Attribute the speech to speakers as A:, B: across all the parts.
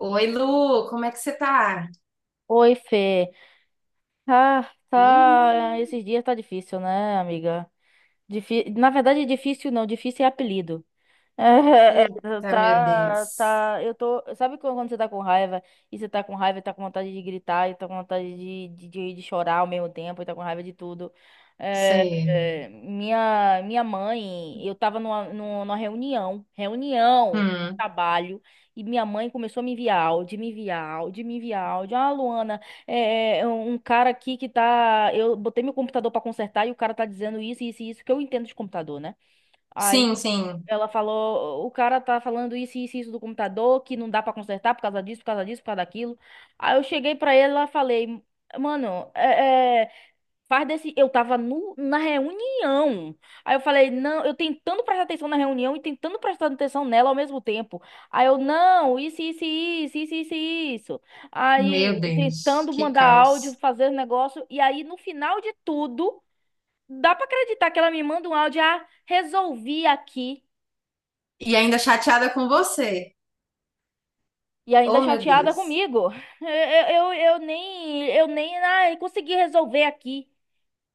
A: Oi, Lu, como é que você tá?
B: Oi, Fê. Ah,
A: Ih.
B: tá. Esses dias tá difícil, né, amiga? Na verdade, difícil não, difícil é apelido. É,
A: Eita, meu
B: tá,
A: Deus.
B: tá, eu tô, sabe quando você tá com raiva, e você tá com raiva e tá com vontade de gritar, e tá com vontade de chorar ao mesmo tempo, e tá com raiva de tudo. É,
A: Sei.
B: é, minha, minha mãe, eu tava numa reunião
A: Hum.
B: trabalho, e minha mãe começou a me enviar áudio, me enviar áudio, me enviar áudio. Ah, Luana, é um cara aqui que tá, eu botei meu computador pra consertar, e o cara tá dizendo isso, isso e isso, que eu entendo de computador, né? Aí
A: Sim, sim.
B: ela falou, o cara tá falando isso, isso, isso do computador, que não dá pra consertar por causa disso, por causa disso, por causa daquilo. Aí eu cheguei pra ela e falei, mano, faz desse. Eu tava no, na reunião. Aí eu falei, não, eu tentando prestar atenção na reunião e tentando prestar atenção nela ao mesmo tempo. Aí eu, não, isso, isso, isso, isso, isso, isso. Aí
A: Meu Deus,
B: tentando
A: que
B: mandar áudio,
A: caos.
B: fazer negócio. E aí no final de tudo, dá pra acreditar que ela me manda um áudio: "Ah, resolvi aqui".
A: E ainda chateada com você.
B: E ainda
A: Oh, meu
B: chateada
A: Deus.
B: comigo. Eu, eu, eu eu nem ai, consegui resolver aqui.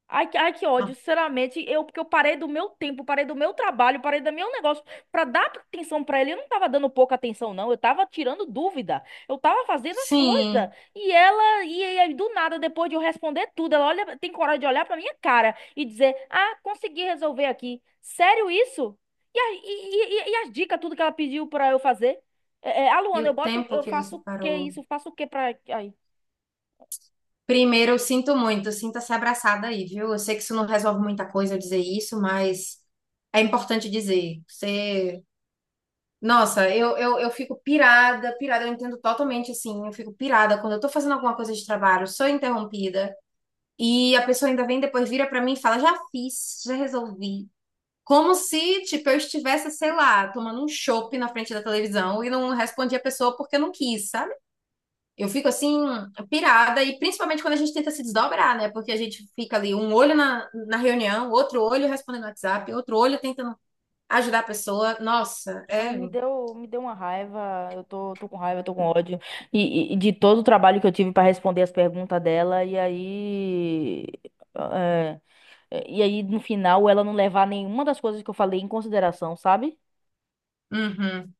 B: Ai, ai, que ódio,
A: Ah.
B: sinceramente, eu porque eu parei do meu tempo, parei do meu trabalho, parei do meu negócio pra dar atenção pra ele. Eu não tava dando pouca atenção, não. Eu tava tirando dúvida. Eu tava fazendo as coisas.
A: Sim.
B: E aí do nada, depois de eu responder tudo, ela olha, tem coragem de olhar pra minha cara e dizer: "Ah, consegui resolver aqui". Sério isso? E as dicas, tudo que ela pediu pra eu fazer? A
A: E
B: Luana,
A: o tempo
B: eu
A: que
B: faço
A: você
B: o quê
A: parou?
B: isso? Faço o quê pra. Ai.
A: Primeiro, eu sinto muito, sinta-se abraçada aí, viu? Eu sei que isso não resolve muita coisa eu dizer isso, mas é importante dizer. Você. Nossa, eu fico pirada, pirada, eu entendo totalmente assim, eu fico pirada quando eu tô fazendo alguma coisa de trabalho, sou interrompida, e a pessoa ainda vem depois vira pra mim e fala, já fiz, já resolvi. Como se, tipo, eu estivesse, sei lá, tomando um chopp na frente da televisão e não respondi a pessoa porque eu não quis, sabe? Eu fico assim, pirada, e principalmente quando a gente tenta se desdobrar, né? Porque a gente fica ali, um olho na reunião, outro olho respondendo no WhatsApp, outro olho tentando ajudar a pessoa. Nossa,
B: Ai,
A: é.
B: me deu uma raiva. Eu tô com raiva, tô com ódio. E de todo o trabalho que eu tive pra responder as perguntas dela, e aí. é, e aí, no final, ela não levar nenhuma das coisas que eu falei em consideração, sabe?
A: Uhum.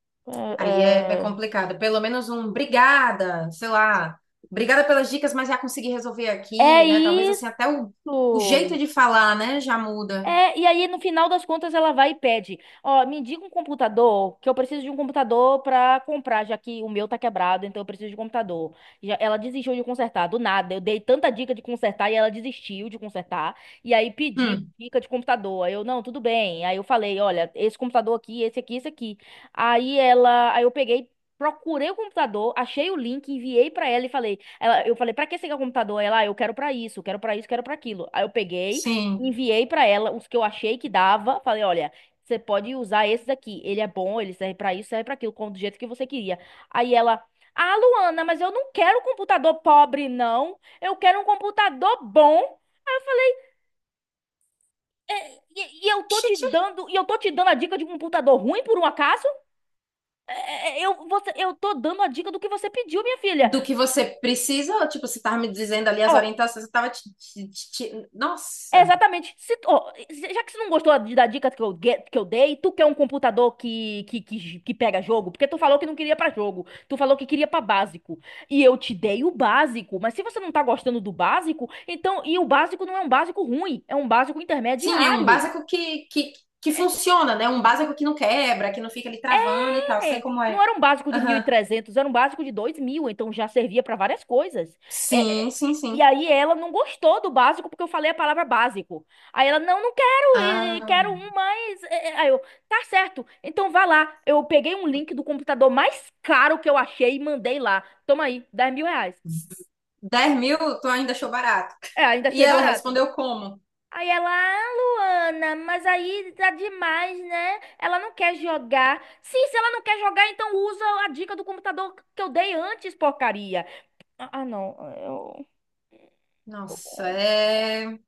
A: Aí é
B: É,
A: complicado. Pelo menos um obrigada, sei lá. Obrigada pelas dicas, mas já consegui resolver
B: é
A: aqui, né? Talvez assim até o jeito
B: isso!
A: de falar, né, já muda.
B: É, e aí no final das contas ela vai e pede, ó, me diga um computador, que eu preciso de um computador pra comprar, já que o meu tá quebrado, então eu preciso de um computador. Já, ela desistiu de consertar, do nada, eu dei tanta dica de consertar e ela desistiu de consertar, e aí pediu
A: Hum,
B: dica de computador. Aí eu, não, tudo bem. Aí eu falei, olha, esse computador aqui, esse aqui, esse aqui. Aí ela, aí eu peguei Procurei o computador, achei o link, enviei pra ela e eu falei, pra que você quer o computador? Ela: "Ah, eu quero pra isso, quero pra isso, quero pra aquilo".
A: sim.
B: Enviei pra ela os que eu achei que dava. Falei, olha, você pode usar esse daqui. Ele é bom, ele serve pra isso, serve pra aquilo, como do jeito que você queria. Aí ela, ah, Luana, mas eu não quero um computador pobre, não. Eu quero um computador bom. Eu falei,
A: Xixi.
B: e eu tô te dando a dica de um computador ruim por um acaso? Eu tô dando a dica do que você pediu, minha filha.
A: Do que você precisa, ou, tipo, você tava me dizendo ali as
B: Ó,
A: orientações, você tava Nossa.
B: Exatamente. Se tu- ó, se- Já que você não gostou da dica que eu dei, tu quer um computador que pega jogo? Porque tu falou que não queria pra jogo. Tu falou que queria pra básico. E eu te dei o básico. Mas se você não tá gostando do básico, então. E o básico não é um básico ruim, é um básico
A: Sim, é um
B: intermediário.
A: básico que funciona, né? Um básico que não quebra, que não fica ali travando e tal. Sei
B: É,
A: como
B: não
A: é.
B: era um básico de
A: Aham.
B: 1.300, era um básico de 2.000, então já servia para várias coisas. É, é,
A: Sim, sim,
B: e
A: sim.
B: aí ela não gostou do básico porque eu falei a palavra básico. Aí ela, não, não quero, e
A: Ah.
B: quero um mais. Aí eu, tá certo, então vá lá. Eu peguei um link do computador mais caro que eu achei e mandei lá. Toma aí, 10.000 reais.
A: 10 mil, tu ainda achou barato.
B: É, ainda
A: E
B: achei
A: ela
B: barato.
A: respondeu como?
B: Aí ela, ah, Luana, mas aí tá demais, né? Ela não quer jogar. Sim, se ela não quer jogar, então usa a dica do computador que eu dei antes, porcaria. Ah, não, eu tô com
A: Nossa,
B: ódio.
A: é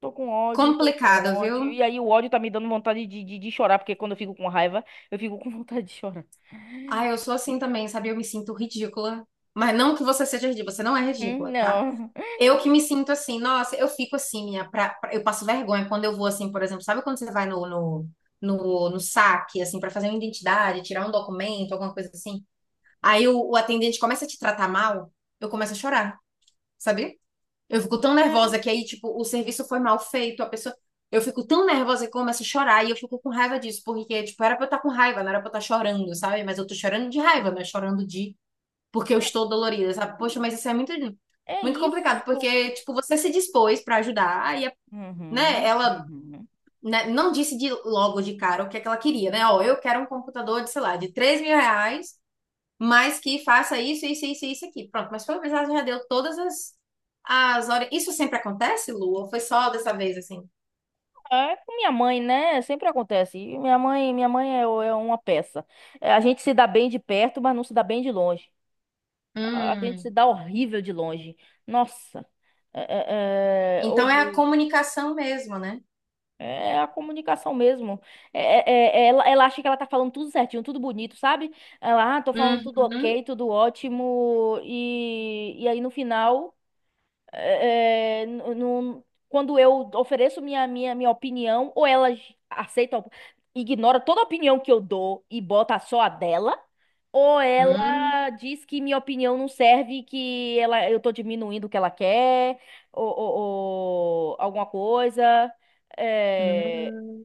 B: Tô com ódio, tô com
A: complicado,
B: ódio.
A: viu?
B: E aí o ódio tá me dando vontade de chorar, porque quando eu fico com raiva, eu fico com vontade de chorar.
A: Ah, eu sou assim também, sabe? Eu me sinto ridícula. Mas não que você seja ridícula, você não é
B: Uhum,
A: ridícula, tá?
B: não.
A: Eu que me sinto assim, nossa, eu fico assim, minha, eu passo vergonha quando eu vou assim, por exemplo, sabe quando você vai no saque, assim, pra fazer uma identidade, tirar um documento, alguma coisa assim? Aí o atendente começa a te tratar mal, eu começo a chorar, sabe? Eu fico tão
B: É,
A: nervosa que aí, tipo, o serviço foi mal feito, a pessoa. Eu fico tão nervosa que eu começo a chorar e eu fico com raiva disso, porque, tipo, era pra eu estar com raiva, não era pra eu estar chorando, sabe? Mas eu tô chorando de raiva, não é chorando de. Porque eu
B: é
A: estou dolorida, sabe? Poxa, mas isso é muito,
B: é
A: muito complicado,
B: isso.
A: porque, tipo, você se dispôs pra ajudar e, né,
B: Uhum,
A: ela.
B: uhum.
A: Né, não disse de logo de cara o que é que ela queria, né? Ó, eu quero um computador de, sei lá, de R$ 3.000 mas que faça isso, isso, isso, isso aqui. Pronto, mas pelo menos ela já deu todas as horas. Isso sempre acontece, Lu? Ou foi só dessa vez assim?
B: É, com minha mãe, né? Sempre acontece. E minha mãe é uma peça. É, a gente se dá bem de perto, mas não se dá bem de longe. A gente se
A: Hum.
B: dá horrível de longe. Nossa.
A: Então é a
B: Horror.
A: comunicação mesmo, né?
B: É é a comunicação mesmo. É, ela acha que ela tá falando tudo certinho, tudo bonito, sabe? Ela, ah, tô falando tudo
A: Uhum.
B: ok, tudo ótimo. E aí no final. É, é, n- não- Quando eu ofereço minha opinião, ou ela ignora toda a opinião que eu dou e bota só a dela, ou
A: Hum.
B: ela diz que minha opinião não serve, eu tô diminuindo o que ela quer, ou alguma coisa. É,
A: Hum.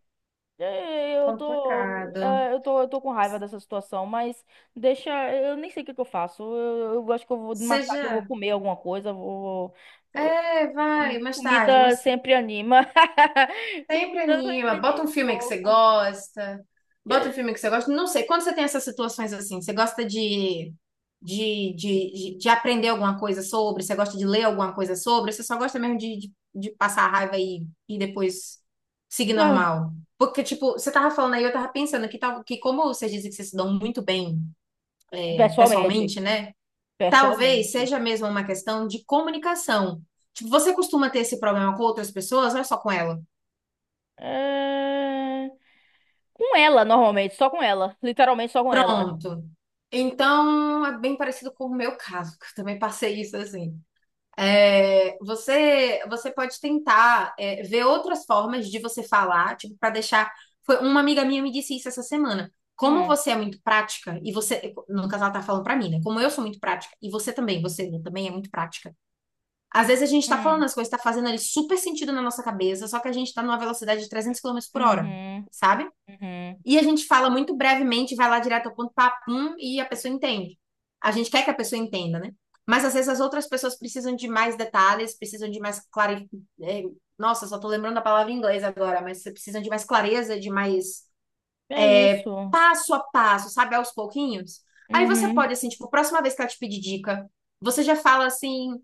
A: Complicado.
B: é, eu tô com raiva dessa situação, mas deixa, eu nem sei o que que eu faço. Eu acho que mais tarde eu vou
A: Seja.
B: comer alguma coisa,
A: É, vai, mais tarde,
B: comida
A: mas.
B: sempre anima.
A: Sempre
B: Comida sempre
A: anima. Bota um
B: anima um
A: filme que você
B: pouco.
A: gosta. Bota um
B: porque-
A: filme que você gosta. Não sei, quando você tem essas situações assim, você gosta de aprender alguma coisa sobre? Você gosta de ler alguma coisa sobre? Você só gosta mesmo de passar a raiva e depois seguir
B: Ah,
A: normal? Porque, tipo, você tava falando aí, eu tava pensando que, tal, que como vocês dizem que vocês se dão muito bem
B: Pessoalmente,
A: pessoalmente, né? Talvez
B: pessoalmente.
A: seja mesmo uma questão de comunicação. Tipo, você costuma ter esse problema com outras pessoas, ou é só com ela?
B: É, Com ela, normalmente, só com ela. Literalmente só com ela.
A: Pronto. Então, é bem parecido com o meu caso, que eu também passei isso assim. É, você pode tentar, ver outras formas de você falar, tipo, para deixar. Foi uma amiga minha me disse isso essa semana. Como
B: Hum,
A: você é muito prática, e você, no caso, ela tá falando pra mim, né? Como eu sou muito prática, e você também, você né, também é muito prática. Às vezes a gente tá falando
B: hum,
A: as coisas, tá fazendo ali super sentido na nossa cabeça, só que a gente tá numa velocidade de 300 quilômetros por hora,
B: uhum,
A: sabe?
B: uhum.
A: E a gente fala muito brevemente, vai lá direto ao ponto, papum, e a pessoa entende. A gente quer que a pessoa entenda, né? Mas às vezes as outras pessoas precisam de mais detalhes, precisam de mais clareza. Nossa, só tô lembrando a palavra em inglês agora, mas precisam de mais clareza, de mais
B: É isso.
A: passo a passo, sabe, aos pouquinhos. Aí você
B: Uhum.
A: pode, assim, tipo, próxima vez que ela te pedir dica, você já fala assim,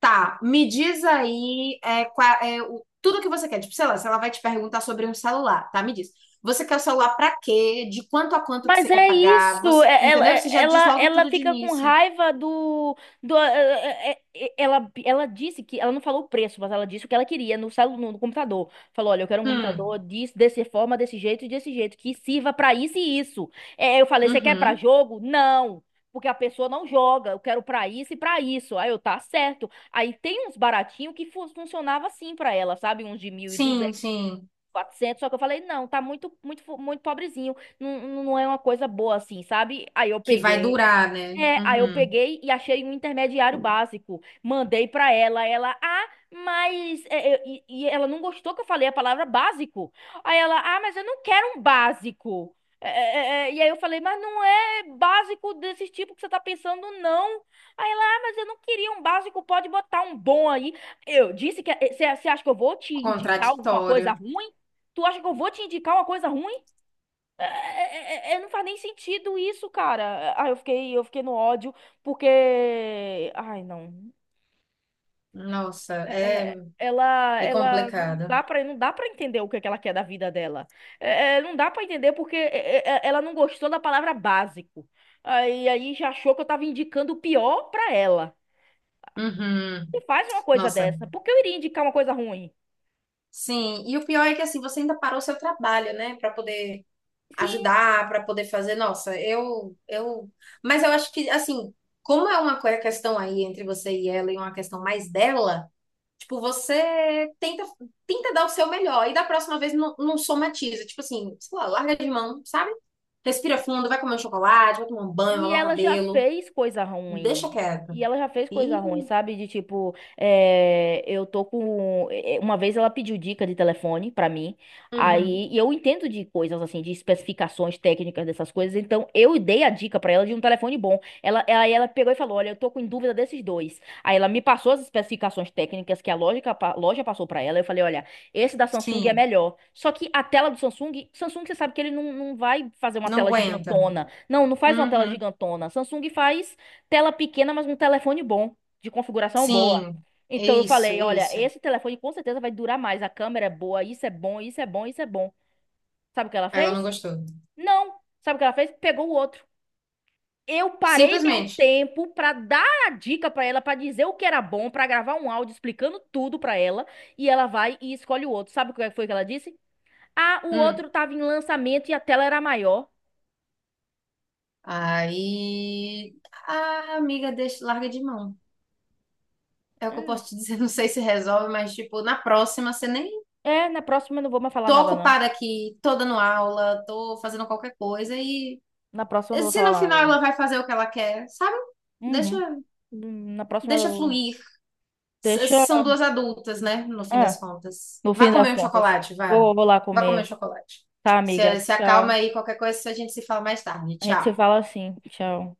A: tá, me diz aí tudo que você quer. Tipo, sei lá, se ela vai te perguntar sobre um celular, tá? Me diz. Você quer o celular pra quê? De quanto a quanto que
B: Mas
A: você quer
B: é
A: pagar?
B: isso.
A: Você,
B: é- ela,
A: entendeu?
B: é-
A: Você já diz
B: ela,
A: logo
B: ela
A: tudo de
B: fica com
A: início.
B: raiva do ela ela não falou o preço, mas ela disse o que ela queria no computador. Falou, olha, eu quero um computador
A: Hum,
B: disso, dessa forma, desse jeito e desse jeito, que sirva pra isso e isso. É, eu falei, você quer pra
A: uhum.
B: jogo? Não, porque a pessoa não joga, eu quero pra isso e pra isso. Aí eu, tá certo. Aí tem uns baratinhos que fu- funcionava assim pra ela, sabe? Uns de mil e
A: Sim,
B: duzentos
A: sim.
B: quatrocentos, só que eu falei, não, tá muito pobrezinho, não, não é uma coisa boa assim, sabe? Aí eu
A: Que vai
B: peguei,
A: durar, né?
B: é, aí eu
A: Uhum.
B: peguei e achei um intermediário básico. Mandei pra ela, ela, ah, mas ela não gostou que eu falei a palavra básico. Aí ela, ah, mas eu não quero um básico. E aí eu falei, mas não é básico desse tipo que você tá pensando, não. Aí ela, ah, mas eu não queria um básico, pode botar um bom aí. Eu disse que "É, você acha que eu vou te indicar alguma coisa
A: Contraditório.
B: ruim? Tu acha que eu vou te indicar uma coisa ruim? Não faz nem sentido isso, cara. Ah, eu fiquei no ódio porque, ai, não.
A: Nossa,
B: É-
A: é,
B: é- ela,
A: é
B: ela não
A: complicado.
B: dá para, não dá para entender o que é que ela quer da vida dela. Não dá para entender porque ela não gostou da palavra básico. Aí, já achou que eu tava indicando o pior pra ela.
A: Uhum.
B: E faz uma coisa
A: Nossa.
B: dessa. Por que eu iria indicar uma coisa ruim?
A: Sim, e o pior é que assim, você ainda parou o seu trabalho, né, para poder
B: Sim.
A: ajudar, para poder fazer. Nossa, eu, mas eu acho que assim, como é uma questão aí entre você e ela e uma questão mais dela, tipo, você tenta dar o seu melhor e da próxima vez não, não somatiza, tipo assim, sei lá, larga de mão, sabe? Respira fundo, vai comer um chocolate, vai tomar um banho,
B: E
A: lavar o
B: ela já
A: cabelo,
B: fez coisa
A: deixa
B: ruim.
A: quieto.
B: E ela já fez coisa
A: E
B: ruim, sabe? De tipo, é, eu tô com. É, Uma vez ela pediu dica de telefone pra mim.
A: uhum,
B: Aí, e eu entendo de coisas assim, de especificações técnicas dessas coisas. Então, eu dei a dica pra ela de um telefone bom. Aí ela pegou e falou: Olha, eu tô com dúvida desses dois. Aí ela me passou as especificações técnicas que a loja passou pra ela. Eu falei: Olha, esse da Samsung é
A: sim,
B: melhor. Só que a tela do Samsung, você sabe que ele não vai fazer uma
A: não
B: tela
A: aguenta.
B: gigantona. Não, não faz uma tela
A: Uhum,
B: gigantona. Samsung faz tela pequena, mas um telefone bom, de configuração boa.
A: sim. É
B: Então eu
A: isso,
B: falei,
A: é
B: olha,
A: isso.
B: esse telefone com certeza vai durar mais. A câmera é boa, isso é bom, isso é bom, isso é bom. Sabe o que ela
A: Aí ela não
B: fez?
A: gostou.
B: Não. Sabe o que ela fez? Pegou o outro. Eu parei meu
A: Simplesmente.
B: tempo pra dar a dica pra ela, pra dizer o que era bom, pra gravar um áudio explicando tudo pra ela, e ela vai e escolhe o outro. Sabe o que foi que ela disse? Ah, o
A: Hum.
B: outro tava em lançamento e a tela era maior.
A: Aí a amiga deixa, larga de mão. É o que eu
B: Hum.
A: posso te dizer. Não sei se resolve, mas tipo, na próxima você nem
B: É, na próxima eu não vou mais falar
A: tô
B: nada, não.
A: ocupada aqui, tô dando aula, tô fazendo qualquer coisa e
B: Na próxima eu não vou
A: se
B: falar
A: no
B: mais
A: final
B: nada,
A: ela
B: não.
A: vai fazer o que ela quer, sabe? Deixa,
B: Uhum. Na próxima,
A: deixa fluir.
B: deixa.
A: São duas adultas, né? No fim
B: É,
A: das contas.
B: no
A: Vá
B: fim das
A: comer um
B: contas.
A: chocolate, vá.
B: Vou lá
A: Vá comer um
B: comer.
A: chocolate.
B: Tá, amiga?
A: Se acalma
B: Tchau.
A: aí, qualquer coisa a gente se fala mais tarde.
B: A gente se
A: Tchau.
B: fala assim. Tchau.